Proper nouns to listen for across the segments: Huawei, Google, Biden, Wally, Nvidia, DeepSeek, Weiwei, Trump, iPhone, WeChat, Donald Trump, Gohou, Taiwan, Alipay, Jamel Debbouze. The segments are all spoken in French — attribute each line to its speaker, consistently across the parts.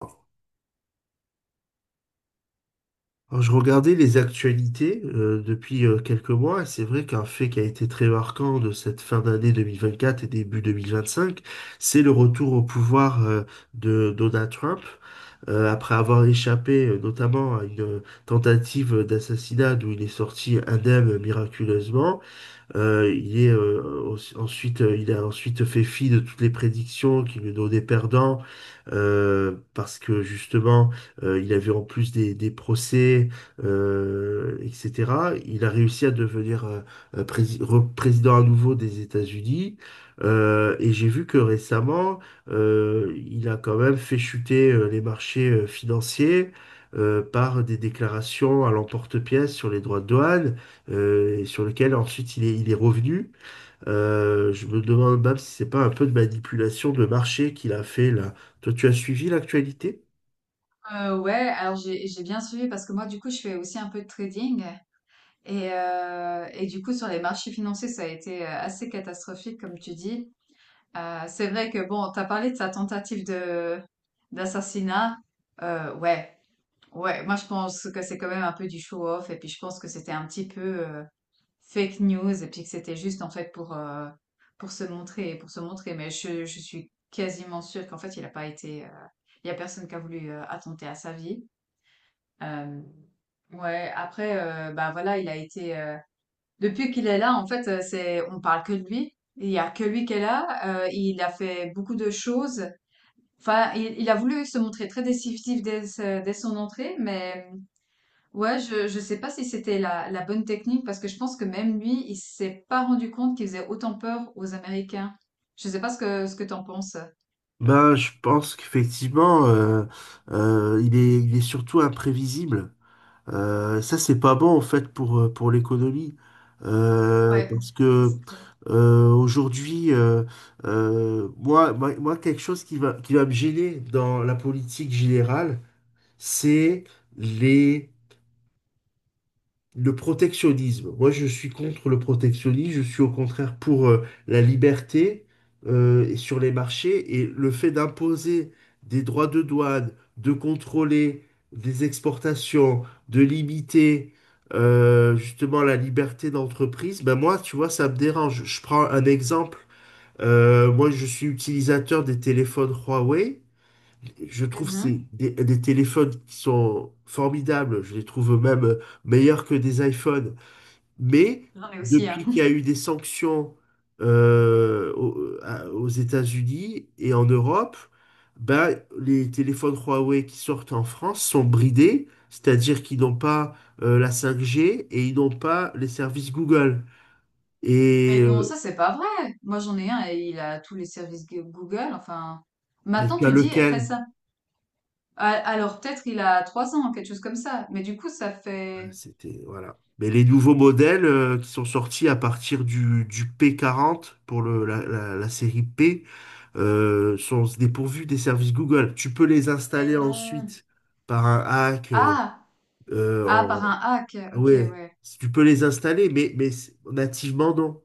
Speaker 1: Alors, je regardais les actualités depuis quelques mois, et c'est vrai qu'un fait qui a été très marquant de cette fin d'année 2024 et début 2025, c'est le retour au pouvoir de Donald Trump après avoir échappé notamment à une tentative d'assassinat d'où il est sorti indemne miraculeusement. Ensuite, il a ensuite fait fi de toutes les prédictions qui lui donnaient perdant, parce que justement, il avait en plus des procès, etc. Il a réussi à devenir président à nouveau des États-Unis. Et j'ai vu que récemment, il a quand même fait chuter les marchés financiers par des déclarations à l'emporte-pièce sur les droits de douane et sur lequel ensuite il est revenu. Je me demande même si c'est pas un peu de manipulation de marché qu'il a fait là. Toi, tu as suivi l'actualité?
Speaker 2: Ouais, alors j'ai bien suivi parce que moi du coup je fais aussi un peu de trading et du coup sur les marchés financiers ça a été assez catastrophique comme tu dis. C'est vrai que bon, t'as parlé de sa tentative de d'assassinat. Euh, ouais, ouais, moi je pense que c'est quand même un peu du show-off et puis je pense que c'était un petit peu fake news et puis que c'était juste en fait pour se montrer. Mais je suis quasiment sûre qu'en fait il a pas été, il y a personne qui a voulu attenter à sa vie. Euh, ouais, après, bah voilà, il a été. Depuis qu'il est là, en fait, c'est on parle que de lui. Il y a que lui qui est là. Il a fait beaucoup de choses. Enfin, il a voulu se montrer très décisif dès son entrée, mais ouais, je sais pas si c'était la bonne technique parce que je pense que même lui, il s'est pas rendu compte qu'il faisait autant peur aux Américains. Je sais pas ce que t'en penses.
Speaker 1: Ben, je pense qu'effectivement, il est surtout imprévisible. Ça, c'est pas bon en fait pour l'économie.
Speaker 2: Ouais,
Speaker 1: Parce
Speaker 2: ça
Speaker 1: que
Speaker 2: c'est clair.
Speaker 1: aujourd'hui, moi, quelque chose qui va me gêner dans la politique générale, c'est les Le protectionnisme. Moi, je suis contre le protectionnisme. Je suis au contraire pour la liberté et sur les marchés, et le fait d'imposer des droits de douane, de contrôler des exportations, de limiter justement la liberté d'entreprise. Ben moi, tu vois, ça me dérange. Je prends un exemple. Moi, je suis utilisateur des téléphones Huawei. Je trouve que c'est
Speaker 2: Mhm.
Speaker 1: des téléphones qui sont formidables. Je les trouve même meilleurs que des iPhones. Mais
Speaker 2: J'en ai aussi, hein.
Speaker 1: depuis qu'il y a eu des sanctions aux États-Unis et en Europe, ben, les téléphones Huawei qui sortent en France sont bridés, c'est-à-dire qu'ils n'ont pas la 5G et ils n'ont pas les services Google. Et
Speaker 2: Mais non,
Speaker 1: euh,
Speaker 2: ça c'est pas vrai. Moi j'en ai un et il a tous les Google. Enfin,
Speaker 1: et
Speaker 2: maintenant
Speaker 1: tu as
Speaker 2: tu dis
Speaker 1: lequel?
Speaker 2: récent. Ah, alors peut-être il a trois ans, quelque chose comme ça. Mais du coup ça
Speaker 1: Bah,
Speaker 2: fait.
Speaker 1: c'était, voilà. Mais les nouveaux modèles qui sont sortis à partir du P40 pour la série P sont dépourvus des services Google. Tu peux les
Speaker 2: Mais
Speaker 1: installer
Speaker 2: non.
Speaker 1: ensuite par un hack.
Speaker 2: Ah,
Speaker 1: Euh,
Speaker 2: ah
Speaker 1: en-
Speaker 2: par un hack. Ok,
Speaker 1: Ouais,
Speaker 2: ouais.
Speaker 1: tu peux les installer, mais, nativement, non.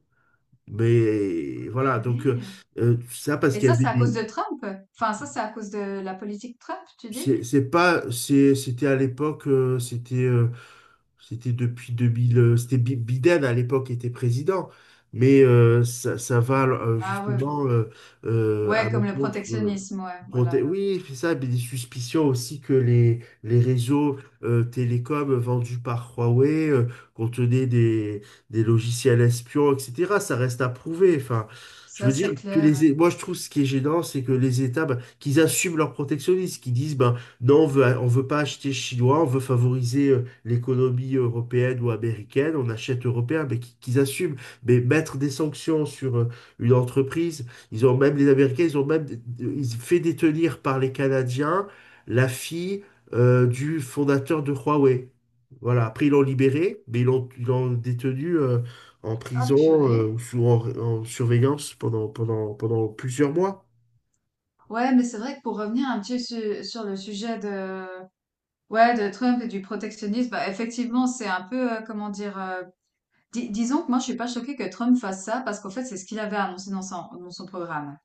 Speaker 1: Mais voilà, donc
Speaker 2: Purée.
Speaker 1: ça parce
Speaker 2: Et
Speaker 1: qu'il y
Speaker 2: ça
Speaker 1: avait
Speaker 2: c'est à
Speaker 1: des...
Speaker 2: cause de Trump. Enfin ça c'est à cause de la politique Trump, tu dis?
Speaker 1: C'est pas... c'est- C'était à l'époque, c'était depuis 2000, c'était Biden à l'époque était président, mais ça, ça va
Speaker 2: Ah ouais,
Speaker 1: justement
Speaker 2: bon.
Speaker 1: à
Speaker 2: Ouais, comme le
Speaker 1: l'encontre.
Speaker 2: protectionnisme, ouais, voilà.
Speaker 1: Oui, c'est ça, mais des suspicions aussi que les réseaux télécoms vendus par Huawei contenaient des logiciels espions, etc. Ça reste à prouver. Enfin, je
Speaker 2: Ça
Speaker 1: veux dire
Speaker 2: c'est
Speaker 1: que
Speaker 2: clair.
Speaker 1: Moi je trouve ce qui est gênant, c'est que les États, ben, qu'ils assument leur protectionnisme, qu'ils disent, ben non, on veut pas acheter chinois, on veut favoriser l'économie européenne ou américaine, on achète européen, mais qu'ils assument. Mais mettre des sanctions sur une entreprise, ils ont même, les Américains, ils ont même ils fait détenir par les Canadiens la fille du fondateur de Huawei. Voilà, après ils l'ont libéré, mais ils l'ont détenue en
Speaker 2: Ah
Speaker 1: prison
Speaker 2: purée.
Speaker 1: ou sous, en surveillance pendant, pendant plusieurs mois.
Speaker 2: Ouais, mais c'est vrai que pour revenir un sur le sujet de ouais, de Trump et du protectionnisme, bah, effectivement, c'est un peu, comment dire, disons que moi, je suis pas choquée que Trump fasse ça parce qu'en fait, c'est ce qu'il avait annoncé dans son programme.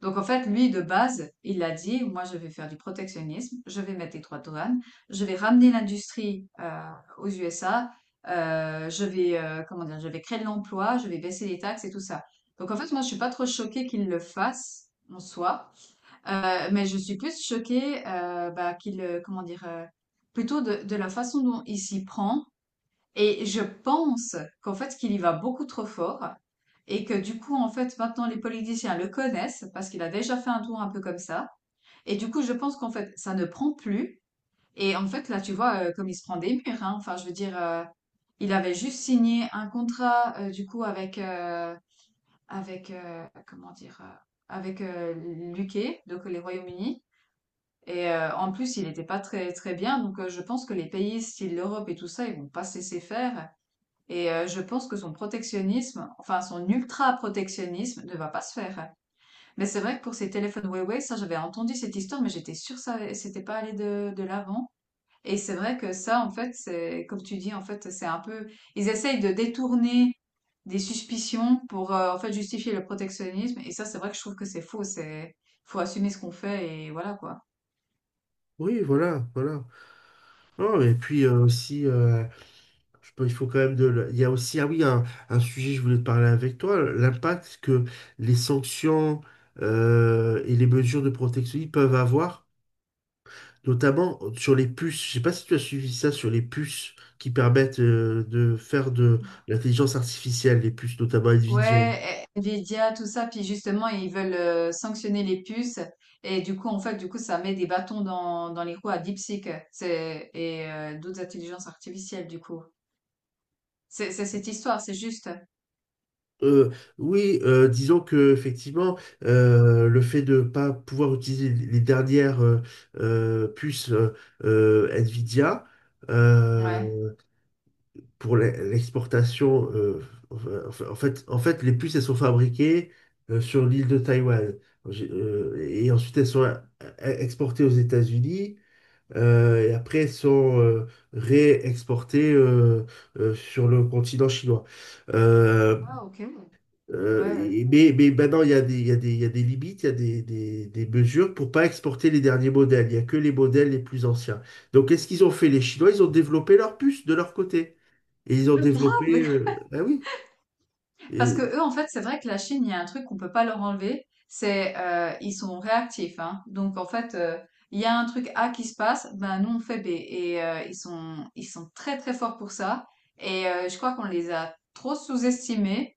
Speaker 2: Donc, en fait, lui, de base, il a dit, moi, je vais faire du protectionnisme, je vais mettre des droits de douane, je vais ramener l'industrie aux USA, je vais, comment dire, je vais créer de l'emploi, je vais baisser les taxes et tout ça. Donc, en fait, moi, je suis pas trop choquée qu'il le fasse en soi. Mais je suis plus choquée, bah, comment dire? Plutôt de la façon dont il s'y prend et je pense qu'en fait, qu'il y va beaucoup trop fort et que du coup, en fait, maintenant les politiciens le connaissent parce qu'il a déjà fait un tour un peu comme ça et du coup, je pense qu'en fait, ça ne prend plus et en fait, là, tu vois, comme il se prend des murs, hein. Enfin, je veux dire, il avait juste signé un contrat, du coup avec, comment dire? Avec, heu, l'UK, donc les Royaumes-Unis. Et en plus, il n'était pas très très bien, donc je pense que les pays style l'Europe et tout ça, ils vont pas cesser faire. Et je pense que son protectionnisme, enfin son ultra-protectionnisme, ne va pas se faire. Mais c'est vrai que pour ces téléphones Huawei, ça j'avais entendu cette histoire, mais j'étais sûre que ça c'était pas allé de l'avant. Et c'est vrai que ça, en fait, c'est comme tu dis, en fait, c'est un peu, ils essayent de détourner des suspicions pour en fait justifier le protectionnisme. Et ça, c'est vrai que je trouve que c'est faux. C'est Faut assumer ce qu'on fait et voilà quoi.
Speaker 1: Oui, voilà, voilà. Non, et puis Je peux- il faut quand même de. Le- Il y a aussi, ah oui, un sujet, je voulais te parler avec toi, l'impact que les sanctions et les mesures de protection peuvent avoir, notamment sur les puces. Je sais pas si tu as suivi ça sur les puces qui permettent de faire de l'intelligence artificielle, les puces, notamment Nvidia.
Speaker 2: Ouais, eh, Nvidia, tout ça, puis justement, ils veulent sanctionner les puces. Et du coup, en fait, du coup, ça met des bâtons dans les roues à DeepSeek c'est, et d'autres intelligences artificielles, du coup. C'est cette histoire, c'est juste.
Speaker 1: Euh, oui, disons que effectivement, le fait de ne pas pouvoir utiliser les dernières puces Nvidia
Speaker 2: Ouais.
Speaker 1: euh, pour l'exportation. Enfin, en fait, les puces, elles sont fabriquées sur l'île de Taïwan. Et ensuite, elles sont exportées aux États-Unis. Et après, elles sont réexportées sur le continent chinois. Euh,
Speaker 2: Ah, ok.
Speaker 1: euh,
Speaker 2: Ouais.
Speaker 1: mais maintenant, il y a il y a des limites, il y a des mesures pour pas exporter les derniers modèles. Il n'y a que les modèles les plus anciens. Donc, qu'est-ce qu'ils ont fait? Les Chinois, ils ont développé leur puce de leur côté. Et ils ont développé...
Speaker 2: Grave.
Speaker 1: Ah oui.
Speaker 2: Parce que
Speaker 1: Et,
Speaker 2: eux, en fait, c'est vrai que la Chine, il y a un truc qu'on peut pas leur enlever, c'est ils sont réactifs, hein. Donc en fait, il y a un truc A qui se passe, ben nous on fait B. Et ils sont très très forts pour ça. Et je crois qu'on les a trop sous-estimés.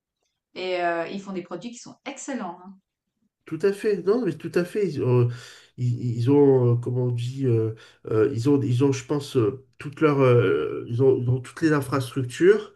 Speaker 2: Et ils font des produits qui sont excellents, hein.
Speaker 1: tout à fait, non, mais tout à fait. Ils, ont, ils ont, comment on dit, je pense, toutes leurs, ils ont toutes les infrastructures,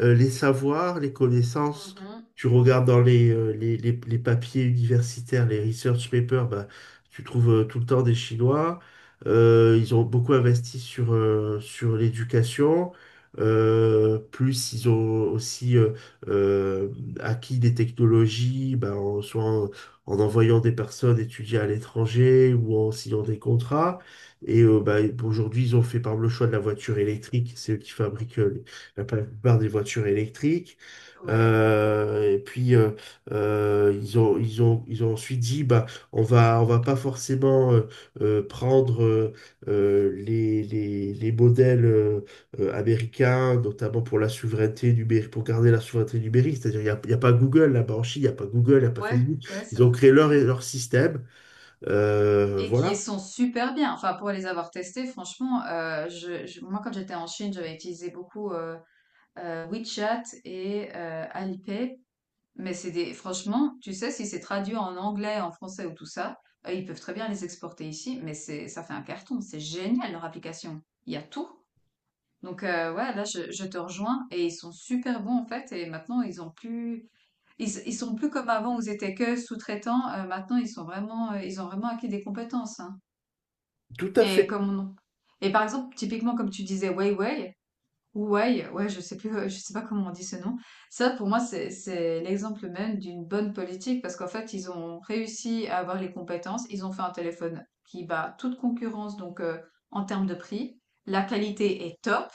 Speaker 1: les savoirs, les connaissances.
Speaker 2: Mhm.
Speaker 1: Tu regardes dans les papiers universitaires, les research papers, bah, tu trouves tout le temps des Chinois. Ils ont beaucoup investi sur, sur l'éducation. Plus ils ont aussi euh, acquis des technologies, bah, en envoyant des personnes étudier à l'étranger ou en signant des contrats. Bah, aujourd'hui, ils ont fait par exemple le choix de la voiture électrique. C'est eux qui fabriquent la plupart des voitures électriques.
Speaker 2: Ouais,
Speaker 1: Et puis ils ont ensuite dit bah on va pas forcément prendre les modèles américains, notamment pour la souveraineté numérique, pour garder la souveraineté numérique, c'est-à-dire il y a pas Google là-bas, en Chine il y a pas Google, il y a pas Facebook.
Speaker 2: ouais, c'est
Speaker 1: Ils ont
Speaker 2: vrai.
Speaker 1: créé leur système.
Speaker 2: Et qui
Speaker 1: Voilà.
Speaker 2: sont super bien. Enfin, pour les avoir testés, franchement, moi, quand j'étais en Chine, j'avais utilisé beaucoup WeChat et Alipay. Mais c'est des... Franchement, tu sais, si c'est traduit en anglais, en français ou tout ça, ils peuvent très bien les exporter ici, mais ça fait un carton. C'est génial leur application. Il y a tout. Donc, ouais, là, je te rejoins. Et ils sont super bons, en fait. Et maintenant, ils ont plus... Ils sont plus comme avant où ils étaient que sous-traitants. Maintenant, ils sont vraiment... ils ont vraiment acquis des compétences, hein.
Speaker 1: Tout à
Speaker 2: Et
Speaker 1: fait.
Speaker 2: Et par exemple, typiquement, comme tu disais, Weiwei, ouais, ouais, je sais plus, je sais pas comment on dit ce nom. Ça, pour moi, c'est l'exemple même d'une bonne politique parce qu'en fait, ils ont réussi à avoir les compétences. Ils ont fait un téléphone qui bat toute concurrence, donc en termes de prix. La qualité est top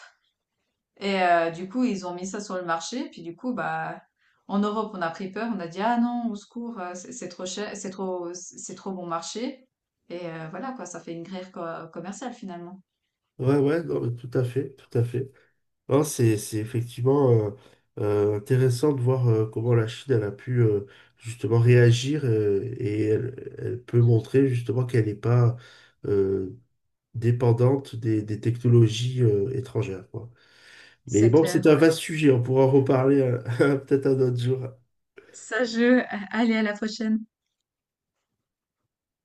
Speaker 2: et du coup, ils ont mis ça sur le marché. Puis du coup, bah, en Europe, on a pris peur. On a dit: «Ah non, au secours, c'est trop cher, c'est trop bon marché» et voilà quoi, ça fait une guerre co commerciale finalement.
Speaker 1: Ouais, ouais, non, mais tout à fait, tout à fait. Non, c'est effectivement intéressant de voir comment la Chine, elle a pu justement réagir, et elle, elle peut montrer justement qu'elle n'est pas euh, dépendante des technologies étrangères, quoi. Mais
Speaker 2: C'est
Speaker 1: bon, c'est
Speaker 2: clair,
Speaker 1: un
Speaker 2: ouais.
Speaker 1: vaste sujet, on pourra en reparler peut-être un autre jour.
Speaker 2: Ça je, A Allez, à la prochaine.